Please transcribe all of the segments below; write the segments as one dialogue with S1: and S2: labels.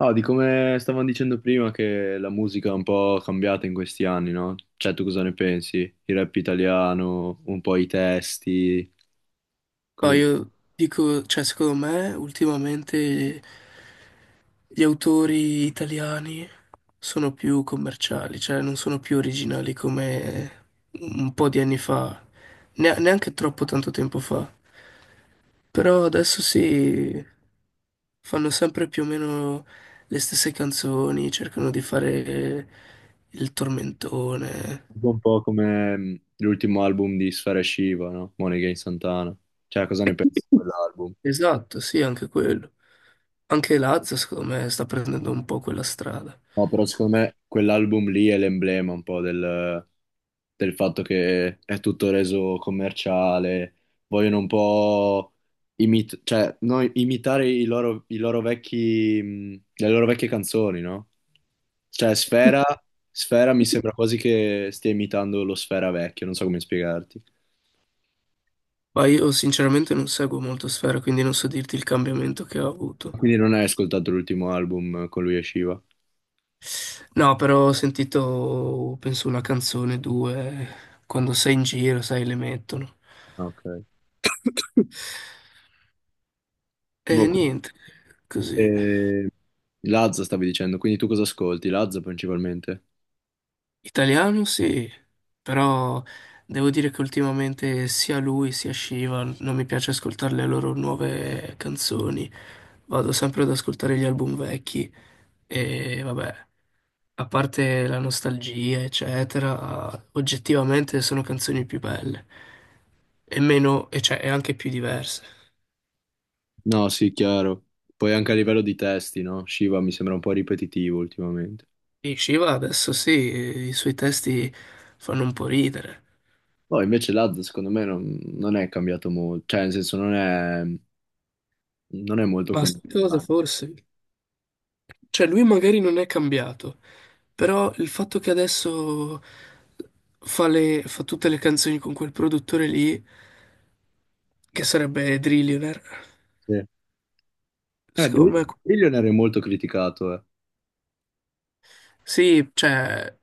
S1: No, di come stavamo dicendo prima che la musica è un po' cambiata in questi anni, no? Cioè, tu cosa ne pensi? Il rap italiano, un po' i testi, cosa
S2: Ma
S1: di-
S2: io dico, cioè, secondo me ultimamente gli autori italiani sono più commerciali, cioè non sono più originali come un po' di anni fa, neanche troppo tanto tempo fa. Però adesso sì, fanno sempre più o meno le stesse canzoni, cercano di fare il tormentone.
S1: Un po' come l'ultimo album di Sfera Shiva, no? Money Against Santana. Cioè, cosa ne pensi di quell'album?
S2: Esatto, sì, anche quello. Anche Lazza, secondo me, sta prendendo un po' quella strada.
S1: No, però secondo me quell'album lì è l'emblema un po' del, del fatto che è tutto reso commerciale, vogliono un po' imit- cioè, no, imitare i loro vecchi, le loro vecchie canzoni, no? Cioè, Sfera, Sfera mi sembra quasi che stia imitando lo Sfera vecchio, non so come spiegarti.
S2: Ma io sinceramente non seguo molto Sfera, quindi non so dirti il cambiamento che ha avuto.
S1: Quindi non hai ascoltato l'ultimo album con lui e Shiva.
S2: No, però ho sentito, penso, una canzone, due, quando sei in giro, sai, le mettono.
S1: Ok.
S2: E
S1: Boh,
S2: niente, così.
S1: e... Lazza stavi dicendo, quindi tu cosa ascolti? Lazza principalmente?
S2: Italiano sì, però devo dire che ultimamente sia lui sia Shiva non mi piace ascoltare le loro nuove canzoni. Vado sempre ad ascoltare gli album vecchi. E vabbè, a parte la nostalgia, eccetera, oggettivamente sono canzoni più belle e meno, e cioè, e anche più diverse.
S1: No, sì, chiaro. Poi anche a livello di testi, no? Shiva mi sembra un po' ripetitivo ultimamente.
S2: E Shiva adesso sì, i suoi testi fanno un po' ridere.
S1: Poi invece Lazza secondo me non è cambiato molto, cioè nel senso non è, non è molto
S2: Ma sai cosa
S1: commerciale.
S2: forse? Cioè, lui magari non è cambiato, però il fatto che adesso fa tutte le canzoni con quel produttore lì, che sarebbe Drillionaire,
S1: Sì. Eh,
S2: secondo
S1: Bill-
S2: me...
S1: Billionaire è molto criticato, eh.
S2: Sì, cioè...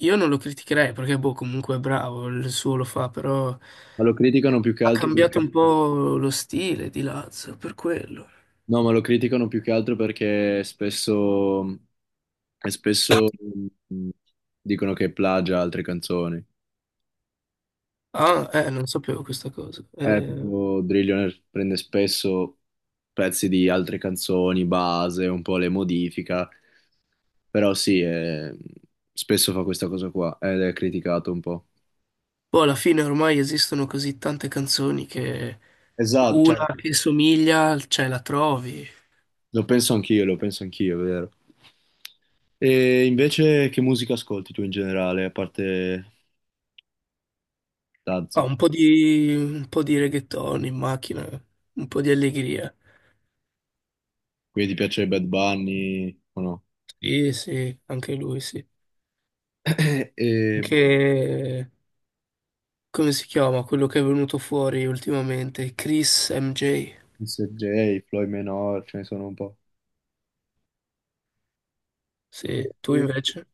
S2: Io non lo criticherei perché, boh, comunque è bravo, il suo lo fa, però
S1: Ma lo criticano più che
S2: ha
S1: altro
S2: cambiato
S1: perché...
S2: un po' lo stile di Lazio, per quello.
S1: No, ma lo criticano più che altro perché spesso, e spesso mh, dicono che plagia altre canzoni. Cioè,
S2: Ah, non sapevo questa cosa.
S1: eh, tipo Drillionaire prende spesso pezzi di altre canzoni, base, un po' le modifica, però sì, spesso fa questa cosa qua ed è criticato un po'.
S2: Boh, alla fine ormai esistono così tante canzoni che
S1: Esatto, cioè,
S2: una che somiglia, cioè la trovi.
S1: lo penso anch'io, è vero. E invece che musica ascolti tu in generale, a parte
S2: Ah,
S1: Tazza?
S2: un po' di reggaeton in macchina, un po' di allegria.
S1: Quindi ti piace Bad Bunny o no?
S2: Sì, sì, anche lui, sì.
S1: E boh,
S2: Anche, come si chiama, quello che è venuto fuori ultimamente, Chris MJ.
S1: Mr. J, Floyd Menor, ce ne sono un po'.
S2: Sì, tu invece?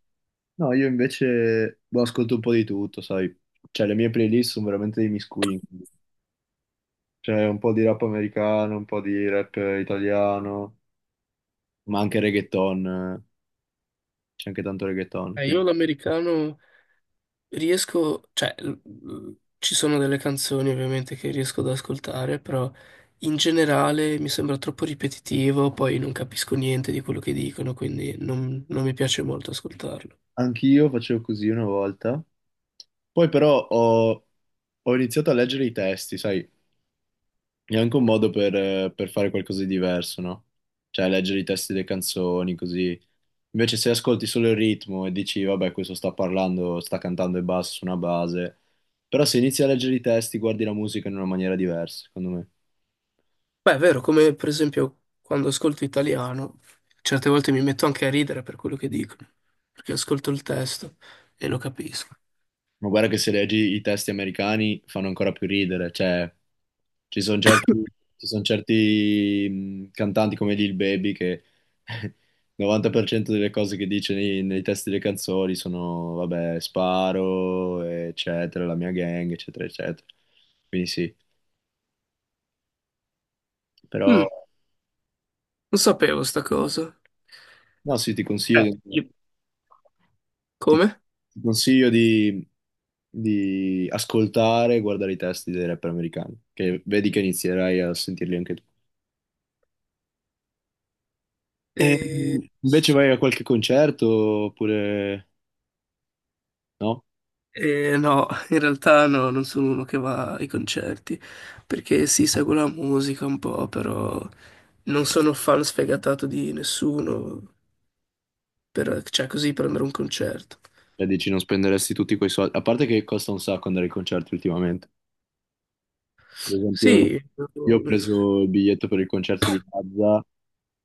S1: No, io invece boh, ascolto un po' di tutto, sai. Cioè, le mie playlist sono veramente dei miscugli. C'è un po' di rap americano, un po' di rap italiano, ma anche reggaeton, eh. C'è anche tanto reggaeton.
S2: Io
S1: Quindi
S2: l'americano riesco, cioè ci sono delle canzoni ovviamente che riesco ad ascoltare, però in generale mi sembra troppo ripetitivo, poi non capisco niente di quello che dicono, quindi non mi piace molto ascoltarlo.
S1: anch'io facevo così una volta. Poi però ho, ho iniziato a leggere i testi, sai. È anche un modo per fare qualcosa di diverso, no? Cioè, leggere i testi delle canzoni, così. Invece se ascolti solo il ritmo e dici, vabbè, questo sta parlando, sta cantando e basta su una base, però se inizi a leggere i testi, guardi la musica in una maniera diversa, secondo me.
S2: Beh, è vero, come per esempio quando ascolto italiano, certe volte mi metto anche a ridere per quello che dicono, perché ascolto il testo e lo capisco.
S1: Ma guarda che se leggi i testi americani fanno ancora più ridere, cioè ci sono certi, ci son certi, cantanti come Lil Baby che il 90% delle cose che dice nei, nei testi delle canzoni sono, vabbè, sparo, eccetera, la mia gang, eccetera, eccetera. Quindi sì, però...
S2: Mm, Non sapevo sta cosa.
S1: No, sì, ti consiglio
S2: Eh,
S1: di,
S2: io-
S1: ti-
S2: Come?
S1: ti consiglio di ascoltare e guardare i testi dei rapper americani, che vedi che inizierai a sentirli anche tu. E
S2: Sì.
S1: invece vai a qualche concerto oppure no?
S2: No, in realtà no, non sono uno che va ai concerti, perché sì, seguo la musica un po', però non sono fan sfegatato di nessuno, cioè così per andare a un concerto.
S1: E dici non spenderesti tutti quei soldi, a parte che costa un sacco andare ai concerti ultimamente. Ad esempio,
S2: Sì,
S1: io ho preso il biglietto per il concerto di Mazza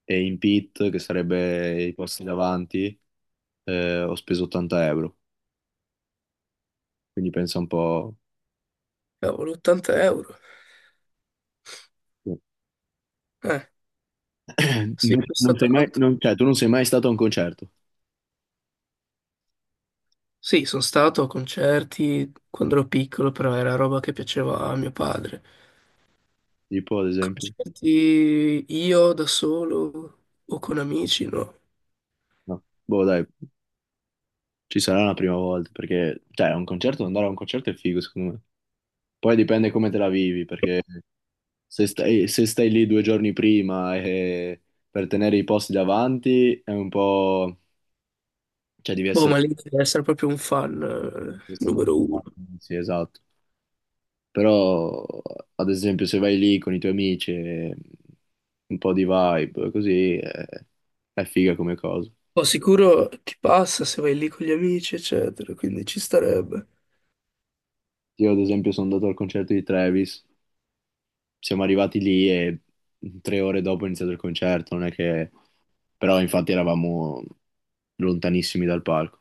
S1: e in pit, che sarebbe i posti davanti, ho speso 80 euro, quindi pensa un po'.
S2: cavolo, 80 euro.
S1: Sì.
S2: Eh, sì,
S1: Non
S2: costa
S1: sei mai,
S2: tanto.
S1: non- cioè, tu non sei mai stato a un concerto,
S2: Sì, sono stato a concerti quando ero piccolo, però era roba che piaceva a mio padre.
S1: tipo ad esempio.
S2: Concerti io da solo o con amici, no.
S1: No. Boh, dai, ci sarà la prima volta, perché, cioè, un concerto, andare a un concerto è figo, secondo me. Poi dipende come te la vivi, perché se stai, se stai lì 2 giorni prima e per tenere i posti davanti è un po'... cioè,
S2: Boh, ma lì
S1: devi
S2: deve essere proprio un fan
S1: essere
S2: numero
S1: preparato.
S2: uno.
S1: Sì, esatto. Però, ad esempio, se vai lì con i tuoi amici, e un po' di vibe, così, è figa come cosa.
S2: Poi sicuro ti passa se vai lì con gli amici, eccetera, quindi ci starebbe.
S1: Io ad esempio sono andato al concerto di Travis, siamo arrivati lì e 3 ore dopo è iniziato il concerto, non è che... Però infatti eravamo lontanissimi dal palco.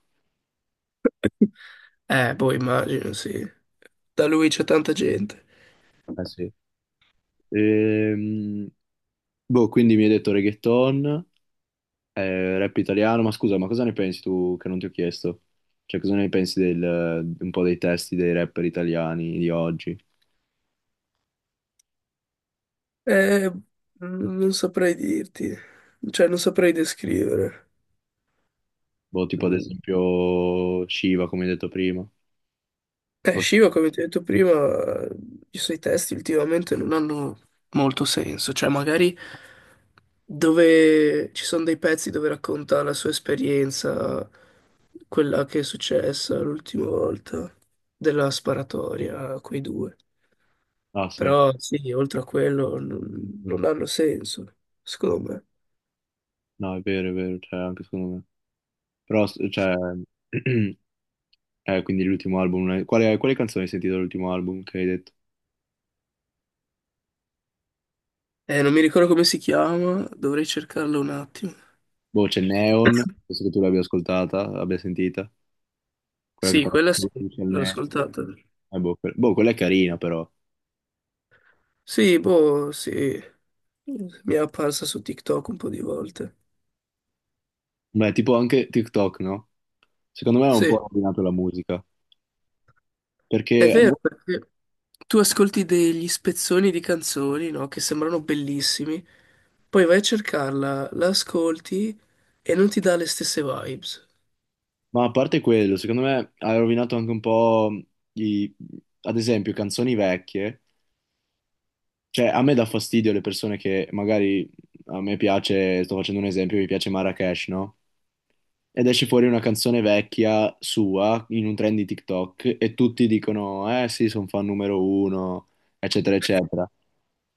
S2: Boh, immagino, sì. Da lui c'è tanta gente.
S1: Eh sì. Ehm, boh, quindi mi hai detto reggaeton, rap italiano, ma scusa, ma cosa ne pensi tu che non ti ho chiesto? Cioè cosa ne pensi del, un po' dei testi dei rapper italiani di oggi?
S2: Non saprei dirti, cioè non saprei descrivere.
S1: Boh, tipo ad
S2: Eh,
S1: esempio Shiva, come hai detto prima. Oh,
S2: Shiva, come ti ho detto prima, i suoi testi ultimamente non hanno molto senso, cioè magari dove ci sono dei pezzi dove racconta la sua esperienza, quella che è successa l'ultima volta, della sparatoria, quei due.
S1: ah sì,
S2: Però sì, oltre a quello non, non hanno senso, secondo me.
S1: no è vero, è vero, cioè anche secondo me. Però, s- cioè, quindi l'ultimo album, non è- quale, quale canzone hai sentito dall'ultimo album che hai detto?
S2: Non mi ricordo come si chiama, dovrei cercarlo un attimo.
S1: Boh, c'è Neon, penso che tu l'abbia ascoltata, l'abbia sentita, quella che
S2: Sì,
S1: fa
S2: quella sì,
S1: c'è il
S2: l'ho
S1: Neon.
S2: ascoltata.
S1: Boh, que- boh, quella è carina però.
S2: Sì, boh, sì. Mi è apparsa su TikTok un po' di volte.
S1: Beh, tipo anche TikTok, no? Secondo me ha un po'
S2: Sì,
S1: rovinato la musica,
S2: è
S1: perché,
S2: vero perché tu ascolti degli spezzoni di canzoni, no? Che sembrano bellissimi, poi vai a cercarla, la ascolti e non ti dà le stesse vibes.
S1: ma a parte quello, secondo me ha rovinato anche un po' i, ad esempio, canzoni vecchie, cioè a me dà fastidio le persone che magari, a me piace, sto facendo un esempio, mi piace Marrakesh, no? Ed esce fuori una canzone vecchia sua in un trend di TikTok e tutti dicono, eh sì, sono fan numero 1, eccetera, eccetera.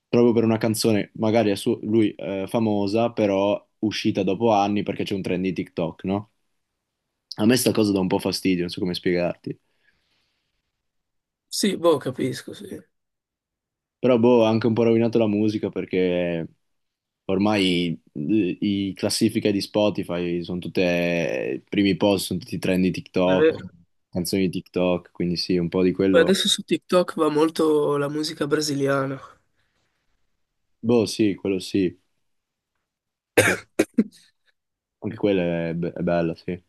S1: Proprio per una canzone, magari a suo- lui famosa, però uscita dopo anni perché c'è un trend di TikTok, no? A me sta cosa dà un po' fastidio, non so come spiegarti.
S2: Sì, boh, capisco, sì.
S1: Però boh, ha anche un po' rovinato la musica perché ormai i classifiche di Spotify sono tutte, i primi post sono tutti trend di
S2: È
S1: TikTok,
S2: vero.
S1: canzoni di TikTok, quindi sì, un po' di
S2: Poi
S1: quello.
S2: adesso su TikTok va molto la musica brasiliana.
S1: Boh, sì, quello sì, que- anche quella è, be- è bella, sì.